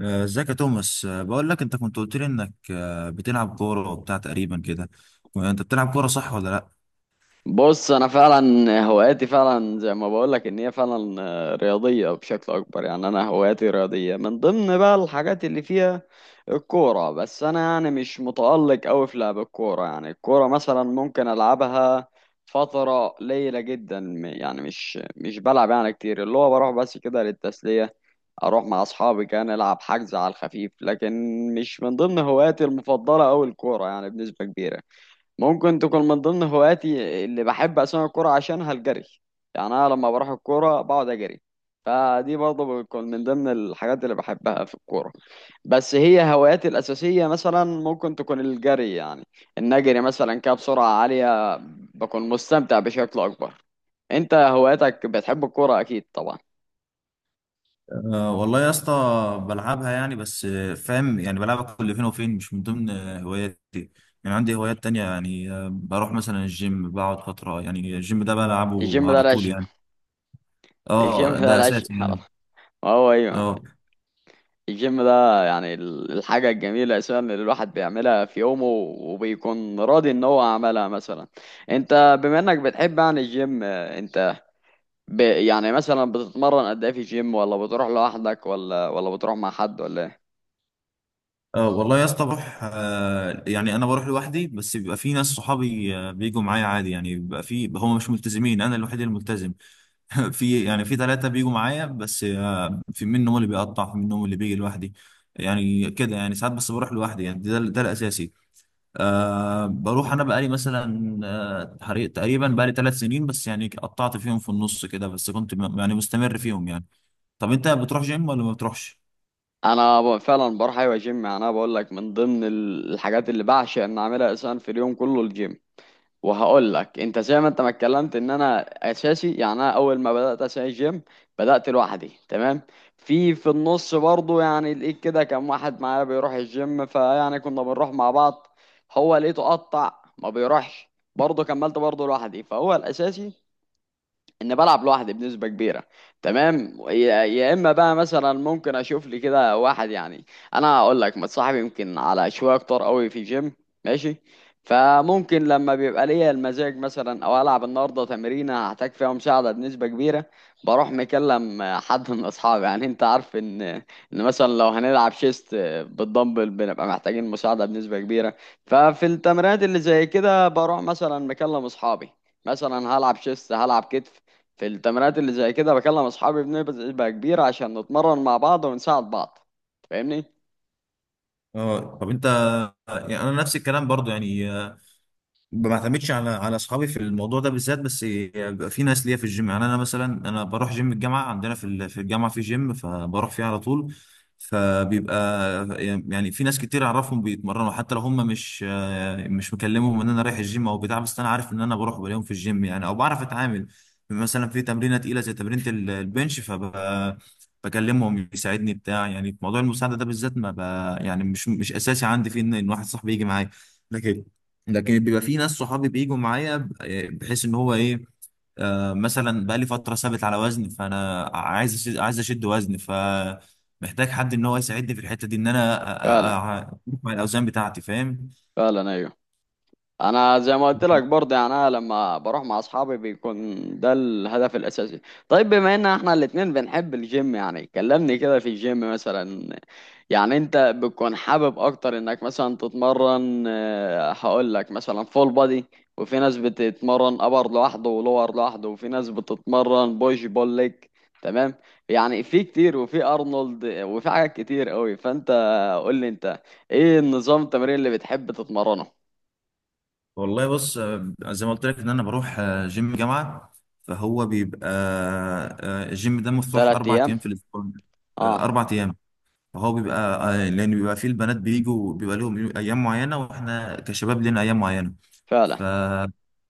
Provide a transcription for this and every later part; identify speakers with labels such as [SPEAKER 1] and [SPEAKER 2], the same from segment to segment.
[SPEAKER 1] ازيك يا توماس، بقول لك انت كنت قلت لي انك بتلعب كوره وبتاع تقريبا كده. انت بتلعب كوره، صح ولا لا؟
[SPEAKER 2] بص، انا فعلا هواياتي فعلا زي ما بقول لك ان هي فعلا رياضيه بشكل اكبر. يعني انا هواياتي رياضيه من ضمن بقى الحاجات اللي فيها الكوره. بس انا يعني مش متالق قوي في لعب الكوره. يعني الكوره مثلا ممكن العبها فتره قليله جدا، يعني مش بلعب يعني كتير، اللي هو بروح بس كده للتسليه. اروح مع اصحابي كان العب حجز على الخفيف، لكن مش من ضمن هواياتي المفضله قوي الكوره يعني بنسبه كبيره. ممكن تكون من ضمن هواياتي اللي بحب أسمع الكورة عشانها الجري. يعني أنا لما بروح الكورة بقعد أجري، فدي برضه بتكون من ضمن الحاجات اللي بحبها في الكورة. بس هي هواياتي الأساسية مثلا ممكن تكون الجري، يعني إن أجري مثلا كده بسرعة عالية بكون مستمتع بشكل أكبر. أنت هواياتك بتحب الكورة أكيد طبعا؟
[SPEAKER 1] أه والله يا اسطى. بلعبها يعني، بس فاهم، يعني بلعبها كل فين وفين، مش من ضمن هواياتي. يعني عندي هوايات تانية، يعني بروح مثلا الجيم، بقعد فتره، يعني الجيم ده
[SPEAKER 2] الجيم
[SPEAKER 1] بلعبه
[SPEAKER 2] ده
[SPEAKER 1] على طول
[SPEAKER 2] العشق.
[SPEAKER 1] يعني.
[SPEAKER 2] الجيم
[SPEAKER 1] اه
[SPEAKER 2] ده
[SPEAKER 1] ده
[SPEAKER 2] العشق.
[SPEAKER 1] اساسي يعني.
[SPEAKER 2] هو أيوه.
[SPEAKER 1] اه،
[SPEAKER 2] الجيم ده يعني الحاجة الجميلة أساسا اللي الواحد بيعملها في يومه، وبيكون راضي إن هو عملها مثلا. أنت بما إنك بتحب يعني الجيم، أنت يعني مثلا بتتمرن قد إيه في الجيم؟ ولا بتروح لوحدك، ولا بتروح مع حد، ولا إيه؟
[SPEAKER 1] اه، والله يا اسطى، بروح يعني انا بروح لوحدي، بس بيبقى في ناس صحابي بيجوا معايا عادي، يعني بيبقى في، هم مش ملتزمين، انا الوحيد الملتزم. في ثلاثة بيجوا معايا، بس في منهم اللي بيقطع، في منهم اللي بيجي لوحدي. يعني كده، يعني ساعات بس بروح لوحدي، يعني ده الأساسي. أه بروح، أنا بقالي مثلا تقريبا بقالي 3 سنين، بس يعني قطعت فيهم في النص كده، بس كنت يعني مستمر فيهم يعني. طب أنت بتروح جيم ولا ما بتروحش؟
[SPEAKER 2] أنا فعلا بروح، أيوة، جيم. يعني أنا بقول لك من ضمن الحاجات اللي بعشق إن أعملها أساسا في اليوم كله الجيم. وهقول لك انت زي ما انت ما اتكلمت ان انا اساسي. يعني انا اول ما بدات اساسي جيم بدات لوحدي، تمام. في النص برضو، يعني لقيت كده كان واحد معايا بيروح الجيم، فيعني كنا بنروح مع بعض. هو لقيته قطع، ما بيروحش، برضه كملت برضه لوحدي. فهو الاساسي ان بلعب لوحدي بنسبه كبيره، تمام. يا اما بقى مثلا ممكن اشوف لي كده واحد، يعني انا اقول لك متصاحب يمكن على شويه كتار قوي في جيم، ماشي. فممكن لما بيبقى ليا المزاج مثلا، او العب النهارده تمرينه هحتاج فيها مساعده بنسبه كبيره، بروح مكلم حد من اصحابي. يعني انت عارف ان مثلا لو هنلعب شيست بالدمبل بنبقى محتاجين مساعده بنسبه كبيره. ففي التمرينات اللي زي كده بروح مثلا مكلم اصحابي، مثلا هلعب شيست، هلعب كتف. في التمرينات اللي زي كده بكلم اصحابي بنبقى بقى كبير عشان نتمرن مع بعض ونساعد بعض. فاهمني؟
[SPEAKER 1] اه. طب أنت. يعني أنا نفس الكلام برضو، يعني ما بعتمدش على اصحابي في الموضوع ده بالذات، بس بيبقى في ناس ليا في الجيم. يعني انا مثلا انا بروح جيم الجامعه، عندنا في الجامعه في جيم، فبروح فيه على طول. فبيبقى، يعني في ناس كتير اعرفهم بيتمرنوا، حتى لو هم مش مكلمهم ان انا رايح الجيم او بتاع، بس انا عارف ان انا بروح بلاقيهم في الجيم يعني، او بعرف اتعامل. مثلا في تمرينه تقيله زي تمرينه البنش، بكلمهم يساعدني بتاع، يعني في موضوع المساعده ده بالذات ما ب... يعني مش اساسي عندي فيه ان واحد صاحبي يجي معايا. لكن بيبقى في ناس صحابي بيجوا معايا بحيث ان هو ايه. مثلا بقى لي فتره ثابت على وزن، فانا عايز أشد، عايز اشد وزن، فمحتاج حد ان هو يساعدني في الحته دي، ان انا
[SPEAKER 2] فعلا.
[SPEAKER 1] أروح مع الاوزان بتاعتي فاهم.
[SPEAKER 2] فعلا، ايوه. انا زي ما قلت لك برضه، يعني انا لما بروح مع اصحابي بيكون ده الهدف الاساسي. طيب، بما ان احنا الاتنين بنحب الجيم، يعني كلمني كده في الجيم مثلا. يعني انت بتكون حابب اكتر انك مثلا تتمرن، هقول لك مثلا فول بادي، وفي ناس بتتمرن ابر لوحده ولور لوحده، وفي ناس بتتمرن بوش بول ليج، تمام؟ يعني في كتير، وفي ارنولد، وفي حاجات كتير قوي. فانت قول لي انت ايه النظام التمرين اللي بتحب تتمرنه؟
[SPEAKER 1] والله بص، زي ما قلت لك ان انا بروح جيم جامعه. فهو بيبقى الجيم ده مفتوح
[SPEAKER 2] تلات
[SPEAKER 1] اربع
[SPEAKER 2] ايام
[SPEAKER 1] ايام في الاسبوع.
[SPEAKER 2] اه.
[SPEAKER 1] 4 ايام. هو بيبقى، لان بيبقى فيه البنات بيجوا، بيبقى لهم ايام معينه، واحنا كشباب لنا ايام معينه.
[SPEAKER 2] فعلا.
[SPEAKER 1] ف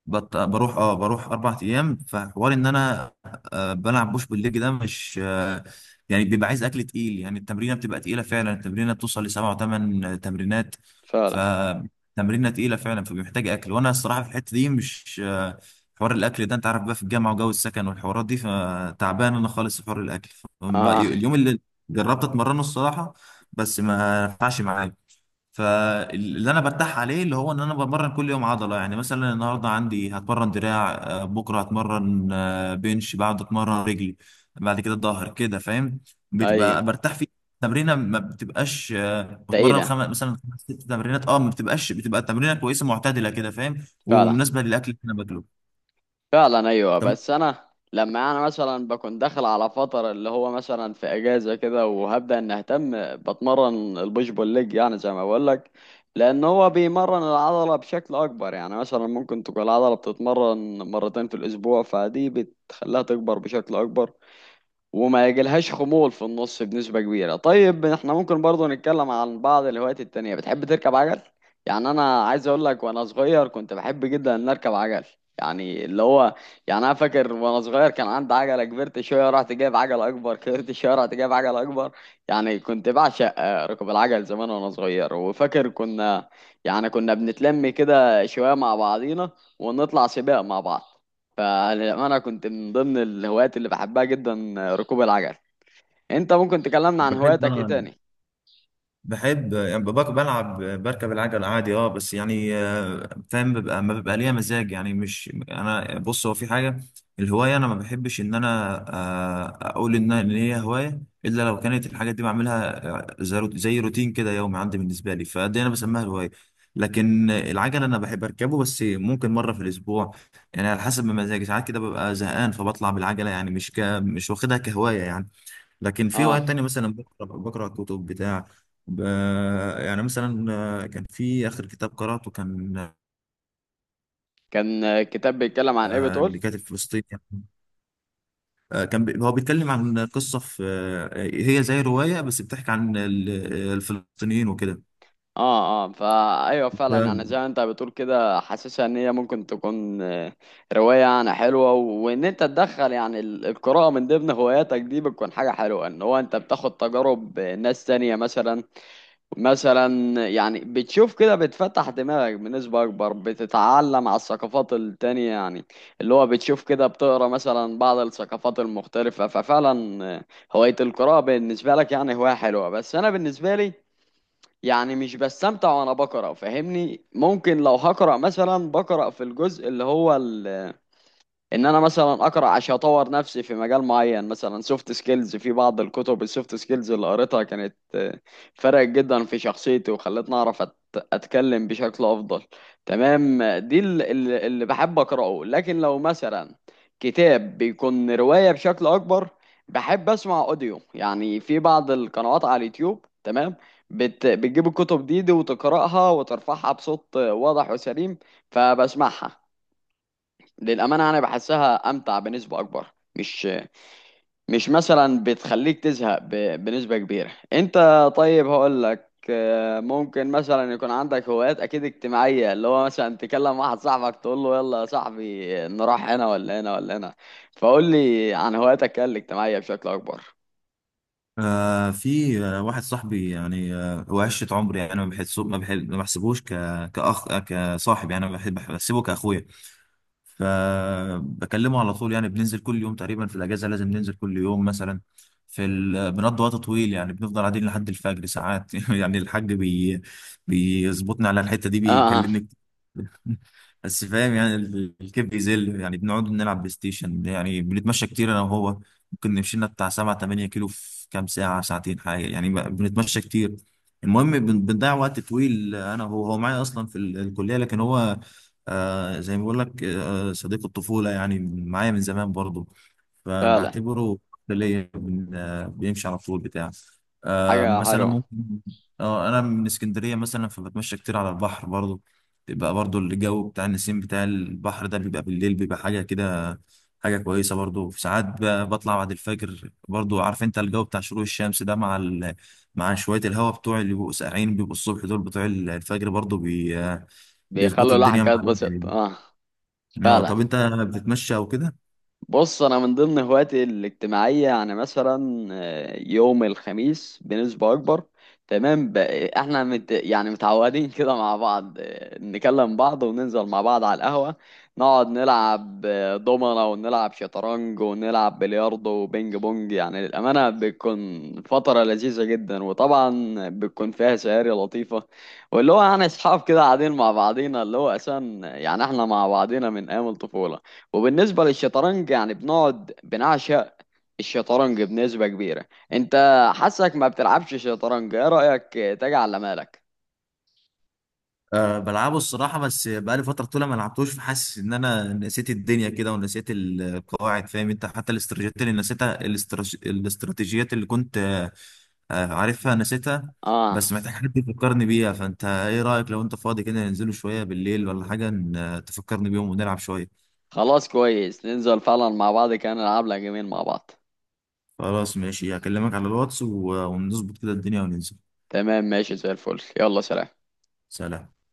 [SPEAKER 1] بروح 4 ايام، فحوار ان انا بلعب بوش بالليج، ده مش يعني بيبقى عايز اكل تقيل، يعني التمرينه بتبقى تقيله فعلا، التمرينه بتوصل ل7 و8 تمرينات.
[SPEAKER 2] فعلا.
[SPEAKER 1] فتمرينه تقيله فعلا، فبيحتاج اكل، وانا الصراحه في الحته دي مش حوار الاكل ده، انت عارف، بقى في الجامعه وجو السكن والحوارات دي، فتعبان انا خالص في حوار الاكل.
[SPEAKER 2] اه،
[SPEAKER 1] اليوم اللي جربت اتمرنه الصراحه، بس ما نفعش معايا. فاللي انا برتاح عليه، اللي هو ان انا بمرن كل يوم عضله، يعني مثلا النهارده عندي هتمرن دراع، بكره هتمرن بنش، بعد اتمرن رجلي. بعد كده الظهر كده فاهم،
[SPEAKER 2] ايوه.
[SPEAKER 1] بتبقى برتاح فيه. تمرينه ما بتبقاش بتمرن
[SPEAKER 2] تقيلة
[SPEAKER 1] خمس مثلا، خمس ست تمرينات، اه ما بتبقاش، بتبقى تمرينه كويسه معتدله كده فاهم،
[SPEAKER 2] فعلا.
[SPEAKER 1] ومناسبه للاكل اللي انا باكله.
[SPEAKER 2] فعلا، ايوه.
[SPEAKER 1] طب.
[SPEAKER 2] بس انا لما انا مثلا بكون داخل على فترة اللي هو مثلا في اجازة كده، وهبدأ ان اهتم بتمرن البوش بول ليج، يعني زي ما بقول لك، لان هو بيمرن العضلة بشكل اكبر. يعني مثلا ممكن تكون العضلة بتتمرن مرتين في الاسبوع، فدي بتخليها تكبر بشكل اكبر وما يجيلهاش خمول في النص بنسبة كبيرة. طيب احنا ممكن برضو نتكلم عن بعض الهوايات التانية. بتحب تركب عجل؟ يعني انا عايز اقول لك وانا صغير كنت بحب جدا ان اركب عجل. يعني اللي هو، يعني انا فاكر وانا صغير كان عندي عجلة كبرت شوية، رحت جايب عجلة اكبر، كبرت شوية رحت جايب عجلة اكبر. يعني كنت بعشق ركوب العجل زمان وانا صغير. وفاكر كنا، يعني كنا بنتلم كده شوية مع بعضينا ونطلع سباق مع بعض. فانا كنت من ضمن الهوايات اللي بحبها جدا ركوب العجل. انت ممكن تكلمنا عن
[SPEAKER 1] بحب
[SPEAKER 2] هواياتك ايه
[SPEAKER 1] انا
[SPEAKER 2] تاني؟
[SPEAKER 1] بحب يعني ببقى بلعب بركب العجل عادي، اه بس يعني فاهم، ببقى ما ببقى ليا مزاج، يعني مش انا، بص هو في حاجه. الهوايه، انا ما بحبش ان انا اقول ان هي هوايه، الا لو كانت الحاجات دي بعملها زي روتين كده يومي عندي بالنسبه لي، فدي انا بسميها هوايه. لكن العجل انا بحب اركبه، بس ممكن مره في الاسبوع. يعني على حسب ما مزاجي، ساعات كده ببقى زهقان فبطلع بالعجله، يعني مش واخدها كهوايه يعني. لكن في
[SPEAKER 2] اه.
[SPEAKER 1] وقت تاني مثلا بقرا كتب بتاع، ب... يعني مثلا، كان في اخر كتاب قراته، كان
[SPEAKER 2] كان كتاب بيتكلم عن ايه بتقول؟
[SPEAKER 1] لكاتب فلسطيني يعني. كان هو بيتكلم عن قصه، في هي زي روايه بس بتحكي عن الفلسطينيين وكده.
[SPEAKER 2] اه، اه، ايوه، فعلا. يعني
[SPEAKER 1] ده-
[SPEAKER 2] زي ما انت بتقول كده حاسسها ان هي ممكن تكون روايه يعني حلوه. وان انت تدخل يعني القراءه من ضمن هواياتك دي، بتكون حاجه حلوه ان هو انت بتاخد تجارب ناس تانية مثلا. مثلا يعني بتشوف كده بتفتح دماغك بنسبة أكبر، بتتعلم على الثقافات التانية. يعني اللي هو بتشوف كده بتقرا مثلا بعض الثقافات المختلفة. ففعلا هواية القراءة بالنسبة لك يعني هواية حلوة. بس أنا بالنسبة لي يعني مش بستمتع وأنا بقرأ، فاهمني؟ ممكن لو هقرأ مثلا، بقرأ في الجزء اللي هو ان انا مثلا اقرا عشان اطور نفسي في مجال معين. مثلا سوفت سكيلز، في بعض الكتب السوفت سكيلز اللي قريتها كانت فرقت جدا في شخصيتي، وخلتني اعرف اتكلم بشكل افضل، تمام. دي اللي بحب اقراه. لكن لو مثلا كتاب بيكون رواية بشكل اكبر، بحب اسمع اوديو. يعني في بعض القنوات على اليوتيوب، تمام، بتجيب الكتب دي وتقراها وترفعها بصوت واضح وسليم، فبسمعها. للأمانة أنا بحسها أمتع بنسبة أكبر. مش مش مثلا بتخليك تزهق بنسبة كبيرة، أنت. طيب هقول لك، ممكن مثلا يكون عندك هوايات أكيد اجتماعية، اللي هو مثلا تكلم واحد صاحبك تقول له يلا يا صاحبي نروح هنا ولا هنا ولا هنا. فقول لي عن هواياتك الاجتماعية بشكل أكبر.
[SPEAKER 1] في، واحد صاحبي يعني، هو عشرة عمري، يعني انا ما بحسه، ما بحسبوش كصاحب يعني، أنا بحب بحسبه كاخويا. فبكلمه على طول، يعني بننزل كل يوم تقريبا، في الاجازه لازم ننزل كل يوم مثلا. بنقضي وقت طويل، يعني بنفضل قاعدين لحد الفجر ساعات. يعني الحاج بيظبطني على الحته دي،
[SPEAKER 2] آه. آه،
[SPEAKER 1] بيكلمني. بس فاهم، يعني الكيف بيزل، يعني بنقعد نلعب بلاي ستيشن، يعني بنتمشى كتير انا وهو. ممكن نمشي لنا بتاع 7 8 كيلو في كام ساعه ساعتين حاجه، يعني بنتمشى كتير. المهم بنضيع وقت طويل، انا هو معايا اصلا في الكليه، لكن هو زي ما بقول لك، صديق الطفوله يعني، معايا من زمان برضه،
[SPEAKER 2] فعلا.
[SPEAKER 1] فبعتبره ليا بيمشي على طول بتاع.
[SPEAKER 2] حاجة
[SPEAKER 1] مثلا
[SPEAKER 2] حلوة.
[SPEAKER 1] ممكن. اه انا من اسكندريه مثلا، فبتمشى كتير على البحر برضو. بيبقى برضو الجو بتاع النسيم بتاع البحر ده، بيبقى بالليل، بيبقى حاجه كده. حاجه كويسه برضو، في ساعات بطلع بعد الفجر برضو، عارف انت الجو بتاع شروق الشمس ده، مع مع شويه الهواء بتوع، اللي بيبقوا ساقعين بيبقوا الصبح، دول بتوع الفجر برضو
[SPEAKER 2] بيخلوا
[SPEAKER 1] بيظبطوا
[SPEAKER 2] الواحد
[SPEAKER 1] الدنيا
[SPEAKER 2] كده
[SPEAKER 1] مع الواحد
[SPEAKER 2] يتبسط،
[SPEAKER 1] يعني.
[SPEAKER 2] آه.
[SPEAKER 1] اه.
[SPEAKER 2] فعلا.
[SPEAKER 1] طب انت بتتمشى او كده؟
[SPEAKER 2] بص انا من ضمن هواياتي الاجتماعيه، يعني مثلا يوم الخميس بنسبه اكبر، تمام. احنا يعني متعودين كده مع بعض. نكلم بعض وننزل مع بعض على القهوه، نقعد نلعب دومنه ونلعب شطرنج ونلعب بلياردو وبينج بونج. يعني للامانه بتكون فتره لذيذه جدا، وطبعا بتكون فيها سهاري لطيفه. واللي هو يعني اصحاب كده قاعدين مع بعضينا. اللي هو اساسا يعني احنا مع بعضينا من ايام الطفوله. وبالنسبة للشطرنج يعني بنقعد بنعشق الشطرنج بنسبة كبيرة. انت حاسك ما بتلعبش شطرنج، ايه رأيك تيجي على مالك؟
[SPEAKER 1] أه بلعبه الصراحة، بس بقالي فترة طويلة ما لعبتوش، فحاسس إن أنا نسيت الدنيا كده، ونسيت القواعد فاهم أنت، حتى الاستراتيجيات اللي نسيتها، الاستراتيجيات اللي كنت عارفها نسيتها.
[SPEAKER 2] اه.
[SPEAKER 1] بس محتاج حد يفكرني بيها. فأنت إيه رأيك، لو أنت فاضي كده ننزلوا شوية بالليل ولا حاجة، تفكرني بيهم ونلعب شوية.
[SPEAKER 2] خلاص، كويس، ننزل فعلا مع بعض كان نلعب لها جيمين مع بعض.
[SPEAKER 1] خلاص ماشي، هكلمك على الواتس و- ونظبط كده الدنيا وننزل.
[SPEAKER 2] تمام، ماشي، زي الفل. يلا سلام.
[SPEAKER 1] سلام.